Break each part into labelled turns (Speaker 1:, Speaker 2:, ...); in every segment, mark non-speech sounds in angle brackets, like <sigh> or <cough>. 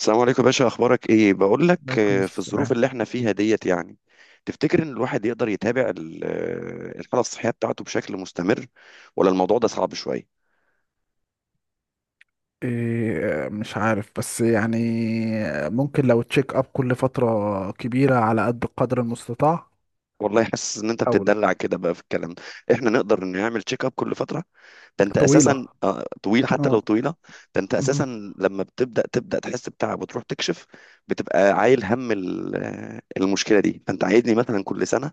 Speaker 1: السلام عليكم يا باشا، اخبارك ايه؟ بقول لك،
Speaker 2: عليكم
Speaker 1: في الظروف
Speaker 2: السلام.
Speaker 1: اللي احنا فيها ديت يعني، تفتكر ان الواحد يقدر يتابع الحاله الصحيه بتاعته بشكل مستمر، ولا الموضوع ده صعب شويه؟
Speaker 2: إيه، مش عارف بس يعني ممكن لو تشيك اب كل فترة كبيرة على قد القدر المستطاع
Speaker 1: والله حاسس ان انت
Speaker 2: او
Speaker 1: بتتدلع كده بقى في الكلام ده. احنا نقدر نعمل تشيك اب كل فتره؟ ده انت اساسا
Speaker 2: طويلة.
Speaker 1: طويل حتى لو
Speaker 2: اه.
Speaker 1: طويله. ده انت اساسا
Speaker 2: مهم.
Speaker 1: لما تبدا تحس بتعب وتروح تكشف، بتبقى عايل هم المشكله دي. فانت عايزني مثلا كل سنه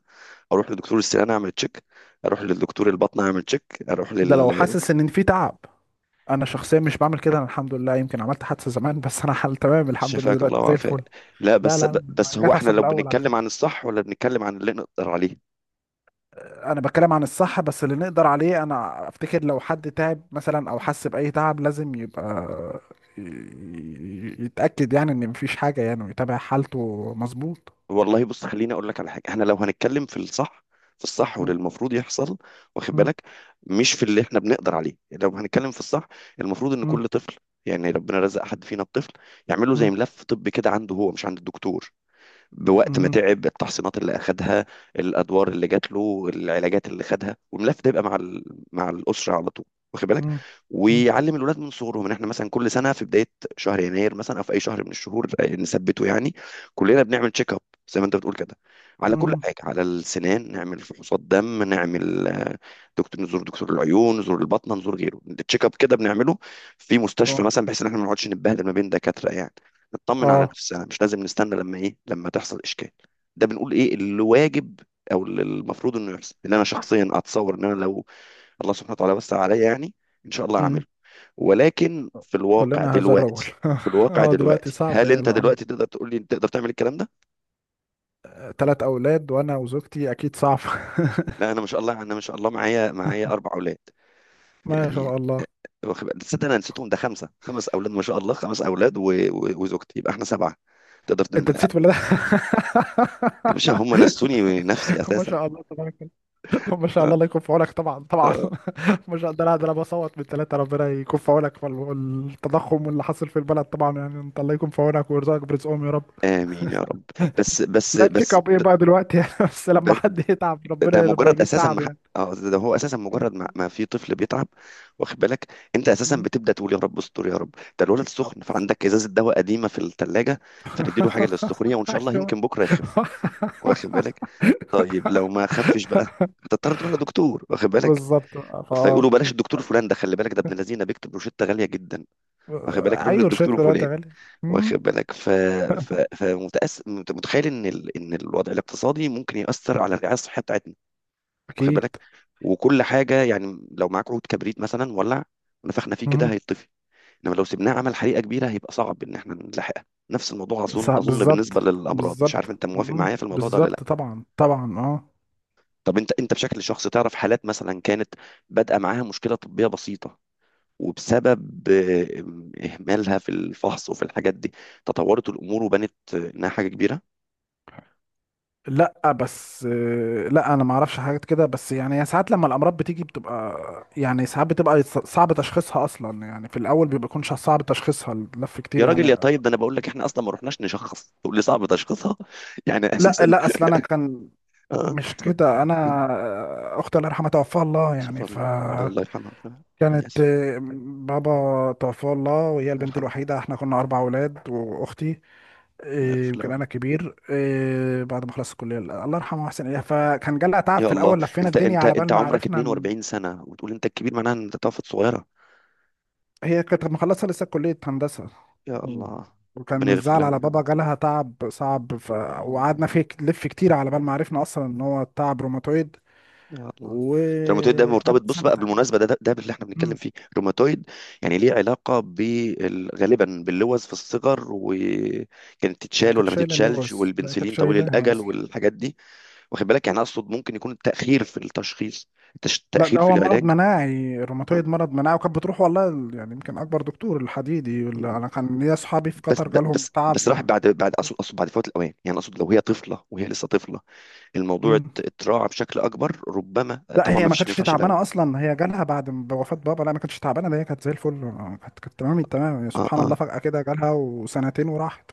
Speaker 1: اروح لدكتور السنان اعمل تشيك، اروح للدكتور البطن اعمل تشيك، اروح
Speaker 2: ده لو
Speaker 1: لل
Speaker 2: حاسس ان في تعب. انا شخصيا مش بعمل كده، انا الحمد لله، يمكن عملت حادثة زمان بس انا حال تمام الحمد لله
Speaker 1: شفاك الله
Speaker 2: دلوقتي زي
Speaker 1: وعافاك.
Speaker 2: الفل.
Speaker 1: لا،
Speaker 2: لا
Speaker 1: بس
Speaker 2: لا لا،
Speaker 1: بس هو
Speaker 2: رجعت
Speaker 1: احنا
Speaker 2: احسن من
Speaker 1: لو
Speaker 2: الاول على
Speaker 1: بنتكلم عن
Speaker 2: فكرة.
Speaker 1: الصح ولا بنتكلم عن اللي نقدر عليه؟
Speaker 2: انا بتكلم عن الصح بس اللي نقدر عليه، انا افتكر لو حد تعب مثلا او حس باي تعب لازم يبقى يتاكد يعني ان مفيش حاجه يعني ويتابع حالته مظبوط.
Speaker 1: والله بص، خليني اقول لك على حاجه، احنا لو هنتكلم في الصح، في الصح واللي
Speaker 2: مم.
Speaker 1: المفروض يحصل، واخد
Speaker 2: مم.
Speaker 1: بالك، مش في اللي احنا بنقدر عليه. لو هنتكلم في الصح، المفروض ان
Speaker 2: مم.
Speaker 1: كل طفل، يعني ربنا رزق حد فينا بطفل، يعمل له زي
Speaker 2: مم.
Speaker 1: ملف طبي كده عنده هو مش عند الدكتور. بوقت ما
Speaker 2: مم.
Speaker 1: تعب، التحصينات اللي اخدها، الادوار اللي جات له، العلاجات اللي خدها، والملف ده يبقى مع الاسره على طول، واخد بالك.
Speaker 2: مم. مم.
Speaker 1: ويعلم الولاد من صغرهم ان احنا مثلا كل سنه في بدايه شهر يناير مثلا او في اي شهر من الشهور، نثبته يعني كلنا بنعمل تشيك اب، زي ما انت بتقول كده، على كل
Speaker 2: مم.
Speaker 1: حاجه، على السنان، نعمل فحوصات دم، نعمل دكتور، نزور دكتور العيون، نزور البطنه، نزور غيره. التشيك اب كده بنعمله في مستشفى
Speaker 2: اه.
Speaker 1: مثلا، بحيث ان احنا ما نقعدش نتبهدل ما بين دكاتره يعني، تطمن على
Speaker 2: اه.
Speaker 1: نفسها، مش لازم نستنى لما ايه، لما تحصل اشكال. ده بنقول ايه اللي واجب او اللي المفروض انه يحصل. اللي انا شخصيا اتصور ان انا لو الله سبحانه وتعالى وسع عليا يعني، ان شاء الله
Speaker 2: مم.
Speaker 1: هعمله. ولكن في الواقع
Speaker 2: كلنا هذا الرجل.
Speaker 1: دلوقتي،
Speaker 2: <laughs>
Speaker 1: في الواقع
Speaker 2: اه، دلوقتي
Speaker 1: دلوقتي،
Speaker 2: صعب
Speaker 1: هل انت
Speaker 2: يعني.
Speaker 1: دلوقتي تقدر تقول لي تقدر تعمل الكلام ده؟
Speaker 2: اه، تلات اولاد وانا وزوجتي اكيد صعب.
Speaker 1: لا، انا ما شاء الله، انا ما شاء الله معايا اربع اولاد
Speaker 2: <laughs> ما
Speaker 1: يعني،
Speaker 2: شاء الله.
Speaker 1: واخد بالك؟ تصدق انا نسيتهم؟ ده خمسه، خمس اولاد ما شاء الله، خمس اولاد وزوجتي، يبقى احنا سبعه. تقدر
Speaker 2: انت
Speaker 1: تن...
Speaker 2: نسيت ولا لا؟
Speaker 1: يا باشا هم نسوني نفسي
Speaker 2: <laughs> ما
Speaker 1: اساسا.
Speaker 2: شاء الله تبارك. <laughs> ما شاء
Speaker 1: آه،
Speaker 2: الله، الله يكون في عونك طبعا طبعا.
Speaker 1: آه.
Speaker 2: <laughs> ما شاء الله، ده انا بصوت من ثلاثه، ربنا يكون في عونك، والتضخم واللي حاصل في البلد طبعا يعني انت الله يكون في عونك ويرزقك برزقهم يا رب.
Speaker 1: امين يا رب. بس بس
Speaker 2: لا تشيك
Speaker 1: بس
Speaker 2: اب ايه
Speaker 1: ب-
Speaker 2: بقى دلوقتي؟ <laughs> يعني بس لما
Speaker 1: بس
Speaker 2: حد يتعب
Speaker 1: ده
Speaker 2: ربنا لما
Speaker 1: مجرد
Speaker 2: يجيب
Speaker 1: اساسا
Speaker 2: تعب
Speaker 1: ما ح-
Speaker 2: يعني.
Speaker 1: اه، ده هو اساسا مجرد ما في طفل بيتعب، واخد بالك، انت اساسا
Speaker 2: مم.
Speaker 1: بتبدا تقول يا رب استر يا رب. ده الولد سخن،
Speaker 2: أبس.
Speaker 1: فعندك ازازه دواء قديمه في الثلاجه، فنديله حاجه للسخونيه وان
Speaker 2: <laughs>
Speaker 1: شاء الله
Speaker 2: ايوه،
Speaker 1: يمكن بكره يخف، واخد بالك. طيب لو ما خفش بقى، هتضطر تروح لدكتور، واخد بالك.
Speaker 2: بالظبط فا.
Speaker 1: فيقولوا بلاش الدكتور فلان ده، خلي بالك ده ابن الذين بيكتب روشته غاليه جدا، واخد بالك، روح
Speaker 2: ايوه،
Speaker 1: للدكتور
Speaker 2: رشيت دلوقتي
Speaker 1: فلان،
Speaker 2: يا غالي.
Speaker 1: واخد
Speaker 2: مم.
Speaker 1: بالك. متخيل ان الوضع الاقتصادي ممكن يأثر على الرعاية الصحية بتاعتنا، واخد بالك،
Speaker 2: اكيد.
Speaker 1: وكل حاجة. يعني لو معاك عود كبريت مثلا ولع، ونفخنا فيه كده
Speaker 2: مم.
Speaker 1: هيطفي، انما لو سيبناه عمل حريقة كبيرة هيبقى صعب ان احنا نلحقها. نفس الموضوع اظن
Speaker 2: صح،
Speaker 1: اظن
Speaker 2: بالظبط.
Speaker 1: بالنسبة للأمراض، مش عارف
Speaker 2: بالظبط.
Speaker 1: انت موافق
Speaker 2: مم.
Speaker 1: معايا في الموضوع ده ولا لا؟
Speaker 2: بالظبط، طبعا طبعا، اه.
Speaker 1: طب انت بشكل شخصي تعرف حالات مثلا كانت بادئة معاها مشكلة طبية بسيطة، وبسبب إهمالها في الفحص وفي الحاجات دي تطورت الأمور وبانت إنها حاجة كبيرة؟
Speaker 2: لا بس لا انا ما اعرفش حاجات كده، بس يعني هي ساعات لما الامراض بتيجي بتبقى يعني ساعات بتبقى صعب تشخيصها اصلا يعني، في الاول بيبقى يكونش صعب تشخيصها اللف كتير
Speaker 1: يا راجل يا
Speaker 2: يعني.
Speaker 1: طيب، ده انا بقول لك احنا اصلا ما رحناش نشخص، تقول لي صعب تشخيصها <laughs> يعني
Speaker 2: لا
Speaker 1: اساسا.
Speaker 2: لا، اصل انا كان
Speaker 1: آه.
Speaker 2: مش كده. انا اختي الله يرحمها توفاها الله
Speaker 1: شوف
Speaker 2: يعني ف
Speaker 1: الله، الله يرحمه. أنا
Speaker 2: كانت
Speaker 1: اسف.
Speaker 2: بابا توفاه الله وهي
Speaker 1: الله
Speaker 2: البنت
Speaker 1: يرحمه.
Speaker 2: الوحيده، احنا كنا اربع اولاد واختي
Speaker 1: الله يغفر له
Speaker 2: يمكن
Speaker 1: ويرحمه.
Speaker 2: انا كبير بعد ما خلصت الكليه الله يرحمه واحسن اليه، فكان جالها تعب
Speaker 1: يا
Speaker 2: في
Speaker 1: الله،
Speaker 2: الاول لفينا
Speaker 1: انت
Speaker 2: الدنيا
Speaker 1: انت
Speaker 2: على بال
Speaker 1: انت
Speaker 2: ما
Speaker 1: عمرك
Speaker 2: عرفنا.
Speaker 1: 42 سنه وتقول انت الكبير، معناها ان انت توفت صغيره.
Speaker 2: هي كانت مخلصة لسه كلية هندسة.
Speaker 1: يا
Speaker 2: مم.
Speaker 1: الله.
Speaker 2: وكان
Speaker 1: ربنا
Speaker 2: من
Speaker 1: يغفر
Speaker 2: الزعل
Speaker 1: لها
Speaker 2: على بابا
Speaker 1: ويرحمها.
Speaker 2: جالها تعب صعب ف...
Speaker 1: يا
Speaker 2: وقعدنا
Speaker 1: الله.
Speaker 2: فيه نلف كتير على بال ما عرفنا أصلا إن هو تعب روماتويد،
Speaker 1: يا الله، ده الروماتويد ده مرتبط،
Speaker 2: وقعدت
Speaker 1: بص
Speaker 2: سنة
Speaker 1: بقى
Speaker 2: تقريبا.
Speaker 1: بالمناسبه، ده اللي احنا بنتكلم
Speaker 2: مم.
Speaker 1: فيه الروماتويد، يعني ليه علاقه غالبا باللوز في الصغر، وكانت
Speaker 2: هي
Speaker 1: تتشال
Speaker 2: كانت
Speaker 1: ولا ما
Speaker 2: شايلة
Speaker 1: تتشالش،
Speaker 2: اللوز، لا كانت
Speaker 1: والبنسلين طويل
Speaker 2: شايلاها
Speaker 1: الاجل
Speaker 2: أصلا.
Speaker 1: والحاجات دي، واخد بالك. يعني اقصد ممكن يكون التاخير في التشخيص،
Speaker 2: لا، ده
Speaker 1: التاخير في
Speaker 2: هو مرض
Speaker 1: العلاج.
Speaker 2: مناعي،
Speaker 1: آه.
Speaker 2: الروماتويد مرض مناعي، وكانت بتروح والله ال- يعني يمكن أكبر دكتور الحديدي، اللي أنا كان ليا أصحابي في
Speaker 1: بس
Speaker 2: قطر
Speaker 1: ب-
Speaker 2: جالهم
Speaker 1: بس
Speaker 2: تعب
Speaker 1: بس
Speaker 2: ف...
Speaker 1: راح بعد اقصد بعد فوات الاوان يعني. اقصد لو هي طفله، وهي لسه طفله، الموضوع
Speaker 2: مم.
Speaker 1: اتراعى بشكل اكبر ربما.
Speaker 2: لا،
Speaker 1: طبعا
Speaker 2: هي
Speaker 1: ما
Speaker 2: ما
Speaker 1: فيش، ما
Speaker 2: كانتش
Speaker 1: ينفعش الاول.
Speaker 2: تعبانه اصلا، هي جالها بعد بوفاه بابا، لا ما كانتش تعبانه، ده هي كانت زي الفل. كانت تمام التمام،
Speaker 1: اه،
Speaker 2: سبحان
Speaker 1: اه.
Speaker 2: الله، فجاه كده جالها وسنتين وراحت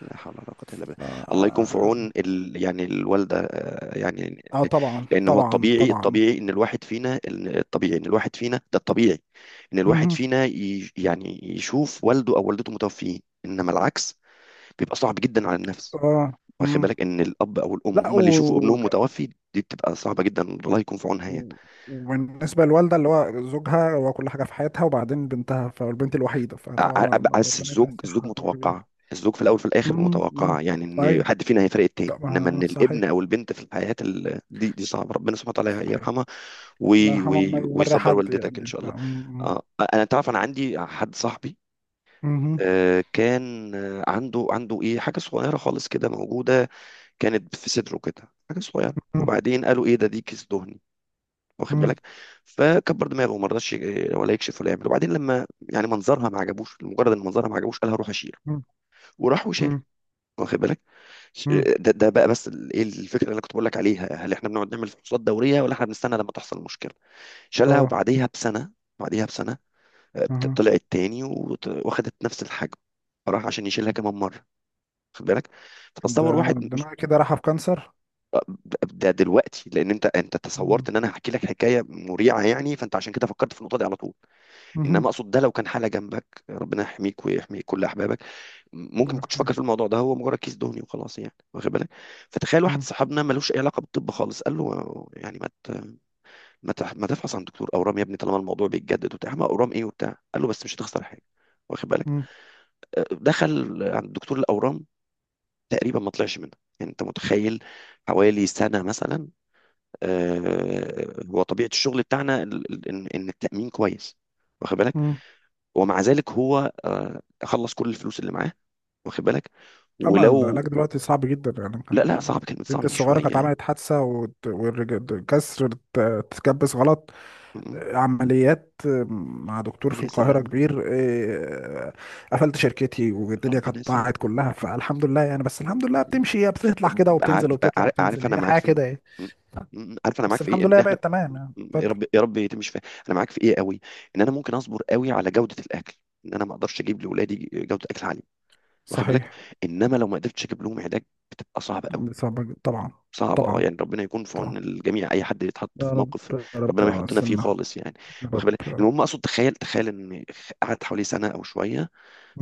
Speaker 1: لا حول ولا قوة إلا بالله.
Speaker 2: ف...
Speaker 1: الله يكون في عون يعني الوالدة يعني.
Speaker 2: اه طبعا
Speaker 1: لأن هو
Speaker 2: طبعا
Speaker 1: الطبيعي،
Speaker 2: طبعا.
Speaker 1: الطبيعي إن الواحد فينا، الطبيعي إن الواحد فينا، ده الطبيعي إن الواحد
Speaker 2: مهم.
Speaker 1: فينا يعني يشوف والده أو والدته متوفيين، إنما العكس بيبقى صعب جدا على النفس،
Speaker 2: اه. مم.
Speaker 1: واخد بالك، إن الأب أو الأم
Speaker 2: لا
Speaker 1: هم اللي يشوفوا
Speaker 2: و...
Speaker 1: ابنهم متوفي. دي بتبقى صعبة جدا، الله يكون في عونها يعني.
Speaker 2: و- وبالنسبه للوالده، اللي هو زوجها هو كل حاجه في حياتها، وبعدين بنتها فالبنت الوحيده
Speaker 1: ع-
Speaker 2: فطبعا
Speaker 1: بس
Speaker 2: ربنا يديها
Speaker 1: الزوج
Speaker 2: الصحه.
Speaker 1: متوقعة، الزوج في الأول في الآخر
Speaker 2: مم.
Speaker 1: متوقعة
Speaker 2: مم.
Speaker 1: يعني، إن
Speaker 2: ايوه.
Speaker 1: حد فينا هيفرق التاني، إنما
Speaker 2: طبعا.
Speaker 1: إن الابن
Speaker 2: صحيح.
Speaker 1: أو البنت في الحياة، دي صعبة. ربنا سبحانه وتعالى
Speaker 2: صحيح.
Speaker 1: يرحمها.
Speaker 2: الله
Speaker 1: وي
Speaker 2: يرحمه، ما
Speaker 1: وي
Speaker 2: يوري
Speaker 1: ويصبر
Speaker 2: حد
Speaker 1: والدتك إن
Speaker 2: يعني
Speaker 1: شاء
Speaker 2: ف...
Speaker 1: الله.
Speaker 2: مم.
Speaker 1: آه. أنا تعرف، أنا عندي حد صاحبي، كان عنده ايه حاجه صغيره خالص كده موجوده، كانت في صدره كده حاجه صغيره،
Speaker 2: مم.
Speaker 1: وبعدين قالوا ايه ده، دي كيس دهني، واخد
Speaker 2: مم.
Speaker 1: بالك. فكبر دماغه وما رضاش ولا يكشف ولا يعمل، وبعدين لما يعني منظرها ما عجبوش، مجرد ان منظرها ما عجبوش، قالها روح اشيل،
Speaker 2: مم.
Speaker 1: وراحوا شالوا،
Speaker 2: مم.
Speaker 1: واخد بالك.
Speaker 2: مم.
Speaker 1: ده بقى بس ايه الفكره اللي انا كنت بقول لك عليها، هل احنا بنقعد نعمل فحوصات دوريه ولا احنا بنستنى لما تحصل مشكله؟ شالها
Speaker 2: اه.
Speaker 1: وبعديها بسنه، بعديها بسنه
Speaker 2: اها.
Speaker 1: طلعت تاني، واخدت نفس الحجم، راح عشان يشيلها كمان مره، واخد بالك. فتصور واحد
Speaker 2: ده
Speaker 1: مش،
Speaker 2: انا كده راح في كانسر.
Speaker 1: ده دلوقتي لان انت تصورت
Speaker 2: مم.
Speaker 1: ان انا هحكي لك حكايه مريعه يعني، فانت عشان كده فكرت في النقطه دي على طول. انما
Speaker 2: مهم.
Speaker 1: اقصد ده لو كان حاله جنبك، ربنا يحميك ويحمي كل احبابك، ممكن ما كنتش
Speaker 2: مم.
Speaker 1: فاكر في الموضوع ده، هو مجرد كيس دهني وخلاص يعني، واخد بالك. فتخيل واحد صاحبنا ملوش اي علاقه بالطب خالص، قال له يعني ما ت... ما, تح... ما تفحص عن دكتور اورام يا ابني، طالما الموضوع بيتجدد وبتاع، ما اورام ايه وبتاع، قال له بس مش هتخسر حاجه، واخد بالك.
Speaker 2: مم.
Speaker 1: دخل عند دكتور الاورام، تقريبا ما طلعش منها، يعني انت متخيل، حوالي سنه مثلا. هو طبيعه الشغل بتاعنا ال- ال- ان إن التامين كويس، واخد بالك.
Speaker 2: مم.
Speaker 1: ومع ذلك هو خلص كل الفلوس اللي معاه، واخد بالك.
Speaker 2: اما
Speaker 1: ولو،
Speaker 2: العلاج دلوقتي صعب جدا يعني،
Speaker 1: لا
Speaker 2: كان
Speaker 1: لا، صعب، كلمة
Speaker 2: البنت
Speaker 1: صعب دي
Speaker 2: الصغيره كانت
Speaker 1: شوية.
Speaker 2: عملت حادثه كسر تكبس غلط.
Speaker 1: م-
Speaker 2: عمليات مع دكتور في
Speaker 1: ربنا
Speaker 2: القاهره
Speaker 1: يسلمها.
Speaker 2: كبير إيه، قفلت شركتي والدنيا كانت
Speaker 1: ربنا
Speaker 2: ضاعت
Speaker 1: يسلمها.
Speaker 2: كلها فالحمد لله يعني، بس الحمد لله بتمشي، هي بتطلع كده
Speaker 1: عارف
Speaker 2: وبتنزل وبتطلع
Speaker 1: عارف عارف،
Speaker 2: وبتنزل،
Speaker 1: انا
Speaker 2: هي
Speaker 1: معاك
Speaker 2: الحياه
Speaker 1: في
Speaker 2: كده
Speaker 1: النقطة.
Speaker 2: ايه.
Speaker 1: م- عارف انا معاك
Speaker 2: بس
Speaker 1: في ايه،
Speaker 2: الحمد
Speaker 1: ان
Speaker 2: لله
Speaker 1: احنا،
Speaker 2: بقت تمام يعني.
Speaker 1: يا
Speaker 2: اتفضل.
Speaker 1: رب يا رب تمشي فيها. انا معاك في ايه قوي، ان انا ممكن اصبر قوي على جودة الاكل، ان انا ما اقدرش اجيب لاولادي جودة اكل عالية، واخد بالك.
Speaker 2: صحيح.
Speaker 1: انما لو ما قدرتش اجيب لهم علاج، بتبقى صعبة قوي.
Speaker 2: صعبة جدا. طبعا.
Speaker 1: صعبة اه،
Speaker 2: طبعا.
Speaker 1: يعني ربنا يكون في
Speaker 2: طبعا.
Speaker 1: عون الجميع، اي حد يتحط
Speaker 2: يا
Speaker 1: في
Speaker 2: رب
Speaker 1: موقف،
Speaker 2: يا
Speaker 1: ربنا
Speaker 2: رب،
Speaker 1: ما يحطنا فيه
Speaker 2: استنى.
Speaker 1: خالص يعني،
Speaker 2: يا
Speaker 1: واخد بالك.
Speaker 2: رب.
Speaker 1: المهم اقصد تخيل ان قعدت حوالي سنة او شوية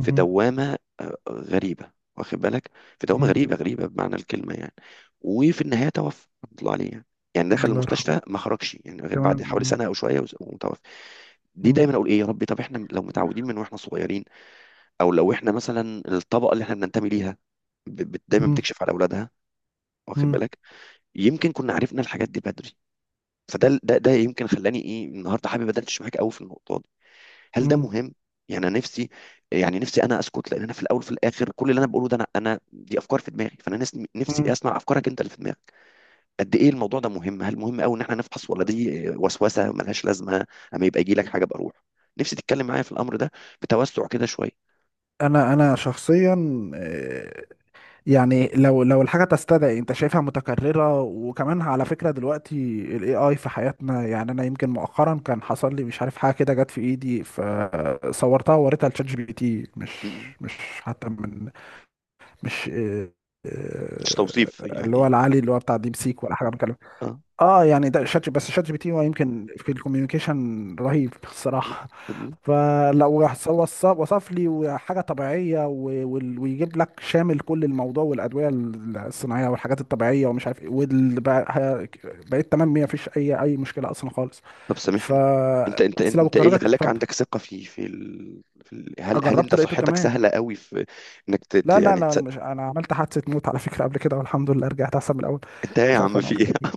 Speaker 1: في دوامة غريبة، واخد بالك، في دوامة
Speaker 2: مم.
Speaker 1: غريبة غريبة بمعنى الكلمة يعني، وفي النهاية توفى رحمة الله عليه يعني. يعني دخل
Speaker 2: الله يرحمه.
Speaker 1: المستشفى ما خرجش يعني غير
Speaker 2: كمان
Speaker 1: بعد حوالي
Speaker 2: مم.
Speaker 1: سنة أو شوية، ومتوفى. دي
Speaker 2: مم.
Speaker 1: دايما اقول ايه يا ربي، طب احنا لو متعودين من واحنا صغيرين، او لو احنا مثلا الطبقه اللي احنا بننتمي ليها دايما
Speaker 2: مم.
Speaker 1: بتكشف على اولادها، واخد
Speaker 2: مم.
Speaker 1: بالك، يمكن كنا عرفنا الحاجات دي بدري. فده ده ده يمكن خلاني ايه النهارده حابب ادردش معاك قوي في النقطه، هل ده
Speaker 2: مم.
Speaker 1: مهم؟ يعني انا نفسي، يعني نفسي انا اسكت، لان انا في الاول وفي الاخر كل اللي انا بقوله ده، انا دي افكار في دماغي. فانا نفسي
Speaker 2: مم.
Speaker 1: اسمع افكارك انت اللي في دماغك. قد ايه الموضوع ده مهم؟ هل مهم قوي ان احنا نفحص، ولا دي وسوسه ملهاش لازمه، اما يبقى يجي لك حاجه بروح؟ نفسي تتكلم معايا في الامر ده، بتوسع كده شويه.
Speaker 2: انا شخصيا آه، يعني لو لو الحاجه تستدعي انت شايفها متكرره. وكمان على فكره دلوقتي الاي اي في حياتنا، يعني انا يمكن مؤخرا كان حصل لي مش عارف حاجه كده جت في ايدي، فصورتها ووريتها لشات جي بي تي. مش
Speaker 1: م- م.
Speaker 2: مش حتى من مش
Speaker 1: مش توصيف
Speaker 2: اللي هو
Speaker 1: يعني.
Speaker 2: العالي اللي هو بتاع ديب سيك ولا حاجه بكلم.
Speaker 1: اه.
Speaker 2: اه يعني ده بس شات جي بي تي هو يمكن في الكوميونيكيشن رهيب
Speaker 1: م-
Speaker 2: الصراحه،
Speaker 1: م.
Speaker 2: فلو راح وصف لي حاجه طبيعيه ويجيب لك شامل كل الموضوع والادويه الصناعيه والحاجات الطبيعيه ومش عارف ايه بقيت تمام، ما فيش اي اي مشكله اصلا خالص
Speaker 1: طب
Speaker 2: ف
Speaker 1: سامحني، انت انت
Speaker 2: بس لو
Speaker 1: انت ايه اللي
Speaker 2: قررت
Speaker 1: خلاك
Speaker 2: اتفضل.
Speaker 1: عندك ثقه في في, ال... في ال... هل هل انت
Speaker 2: جربته لقيته
Speaker 1: صحتك
Speaker 2: تمام.
Speaker 1: سهله قوي في انك
Speaker 2: لا لا
Speaker 1: يعني
Speaker 2: لا، أنا
Speaker 1: تصدق؟
Speaker 2: مش انا عملت حادثه موت على فكره قبل كده والحمد لله رجعت احسن من الاول.
Speaker 1: انت إيه يا
Speaker 2: مش عارف
Speaker 1: عم،
Speaker 2: انا
Speaker 1: في
Speaker 2: قلت
Speaker 1: ايه؟
Speaker 2: لك ولا لأ.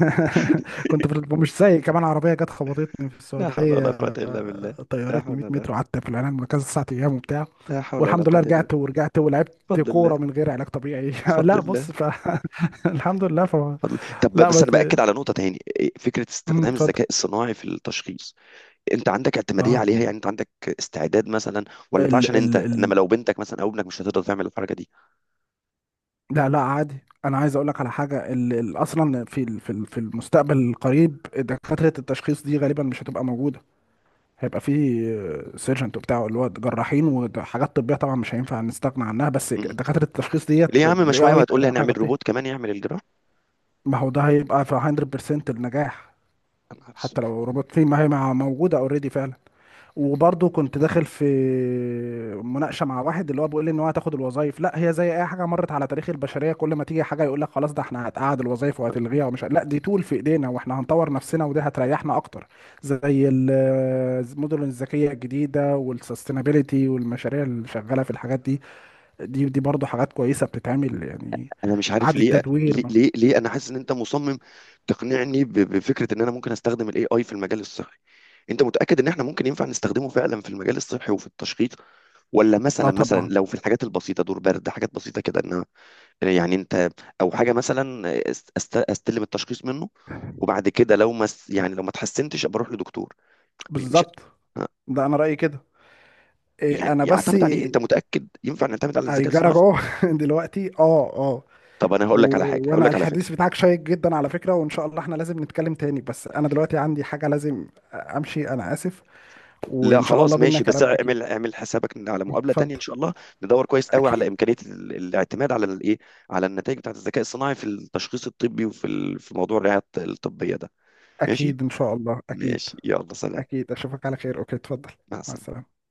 Speaker 2: <laughs> كنت في ال- مش زي، كمان عربيه جت خبطتني في
Speaker 1: لا حول
Speaker 2: السعوديه،
Speaker 1: ولا قوة إلا بالله. لا
Speaker 2: طيرتني
Speaker 1: حول
Speaker 2: 100
Speaker 1: ولا
Speaker 2: متر وقعدت في العنايه المركزه 9 ايام وبتاع،
Speaker 1: لا حول ولا
Speaker 2: والحمد لله
Speaker 1: قوة إلا بالله.
Speaker 2: رجعت ورجعت ولعبت
Speaker 1: بفضل الله.
Speaker 2: كوره من غير علاج طبيعي. <laughs>
Speaker 1: بفضل
Speaker 2: لا بص
Speaker 1: الله.
Speaker 2: ف... <laughs> الحمد لله ف...
Speaker 1: بفضل، طب
Speaker 2: لا
Speaker 1: بس أنا
Speaker 2: بس
Speaker 1: بأكد على نقطة تاني، فكرة
Speaker 2: مم،
Speaker 1: استخدام
Speaker 2: اتفضل.
Speaker 1: الذكاء الصناعي في التشخيص، أنت عندك اعتمادية
Speaker 2: اه.
Speaker 1: عليها؟ يعني أنت عندك استعداد مثلا، ولا ده
Speaker 2: ال
Speaker 1: عشان
Speaker 2: ال
Speaker 1: أنت، إنما
Speaker 2: ال
Speaker 1: لو بنتك مثلا أو ابنك مش هتقدر تعمل الحركة دي؟
Speaker 2: لا لا عادي. انا عايز اقول لك على حاجه اصلا في المستقبل القريب دكاتره التشخيص دي غالبا مش هتبقى موجوده، هيبقى في سيرجنت وبتاع، اللي هو جراحين وحاجات طبيه طبعا مش هينفع نستغنى عنها، بس
Speaker 1: م-م.
Speaker 2: دكاتره التشخيص
Speaker 1: ليه يا
Speaker 2: ديت
Speaker 1: عم، ما
Speaker 2: الاي
Speaker 1: شوية
Speaker 2: اي
Speaker 1: وهتقول لي
Speaker 2: تقريبا
Speaker 1: هنعمل روبوت
Speaker 2: هيغطيها.
Speaker 1: كمان يعمل الجراحة.
Speaker 2: ما هو ده هيبقى في 100% النجاح.
Speaker 1: أنا عارف.
Speaker 2: حتى لو روبوت في، ما هي موجوده اوريدي فعلا. وبرضه كنت داخل في مناقشه مع واحد اللي هو بيقول لي ان هو هتاخد الوظائف، لا هي زي اي حاجه مرت على تاريخ البشريه، كل ما تيجي حاجه يقول لك خلاص ده احنا هتقعد الوظائف وهتلغيها ومش لا دي طول في ايدينا واحنا هنطور نفسنا ودي هتريحنا اكتر. زي المدن الذكيه الجديده والسستينابيلتي والمشاريع اللي شغاله في الحاجات دي، دي برضه حاجات كويسه بتتعمل يعني،
Speaker 1: انا مش عارف
Speaker 2: اعاده
Speaker 1: ليه
Speaker 2: تدوير.
Speaker 1: ليه ليه, ليه انا حاسس ان انت مصمم تقنعني بفكره ان انا ممكن استخدم الاي اي في المجال الصحي؟ انت متاكد ان احنا ممكن ينفع نستخدمه فعلا في المجال الصحي وفي التشخيص؟ ولا
Speaker 2: اه
Speaker 1: مثلا
Speaker 2: طبعا.
Speaker 1: لو في الحاجات البسيطه، دور برد، حاجات بسيطه كده، انها يعني انت، او حاجه مثلا استلم التشخيص منه، وبعد كده لو ما س- يعني لو ما اتحسنتش ابقى اروح لدكتور. مش
Speaker 2: بالظبط، ده انا رايي كده. إيه،
Speaker 1: يعني
Speaker 2: انا بس
Speaker 1: اعتمد عليه. انت متاكد ينفع نعتمد على الذكاء
Speaker 2: هيجرى
Speaker 1: الصناعي؟
Speaker 2: جوه. <laughs> دلوقتي اه آه.
Speaker 1: طب انا هقول
Speaker 2: و...
Speaker 1: لك على حاجه، هقول
Speaker 2: وانا
Speaker 1: لك على فكره.
Speaker 2: الحديث بتاعك شيق جدا على فكرة وان شاء الله احنا لازم نتكلم تاني، بس انا دلوقتي عندي حاجة لازم امشي، انا اسف،
Speaker 1: لا
Speaker 2: وان شاء الله
Speaker 1: خلاص
Speaker 2: بينا
Speaker 1: ماشي، بس
Speaker 2: كلام اكيد.
Speaker 1: اعمل، اعمل حسابك ان على مقابله تانية ان
Speaker 2: اتفضل.
Speaker 1: شاء الله، ندور كويس قوي على
Speaker 2: اكيد.
Speaker 1: امكانيه الاعتماد على الايه، على النتائج بتاعت الذكاء الصناعي في التشخيص الطبي وفي في موضوع الرعايه الطبيه ده. ماشي.
Speaker 2: اكيد ان شاء الله اكيد.
Speaker 1: ماشي، يلا سلام.
Speaker 2: اكيد اشوفك على خير. اوكي اتفضل.
Speaker 1: مع
Speaker 2: مع
Speaker 1: السلامه.
Speaker 2: السلامة.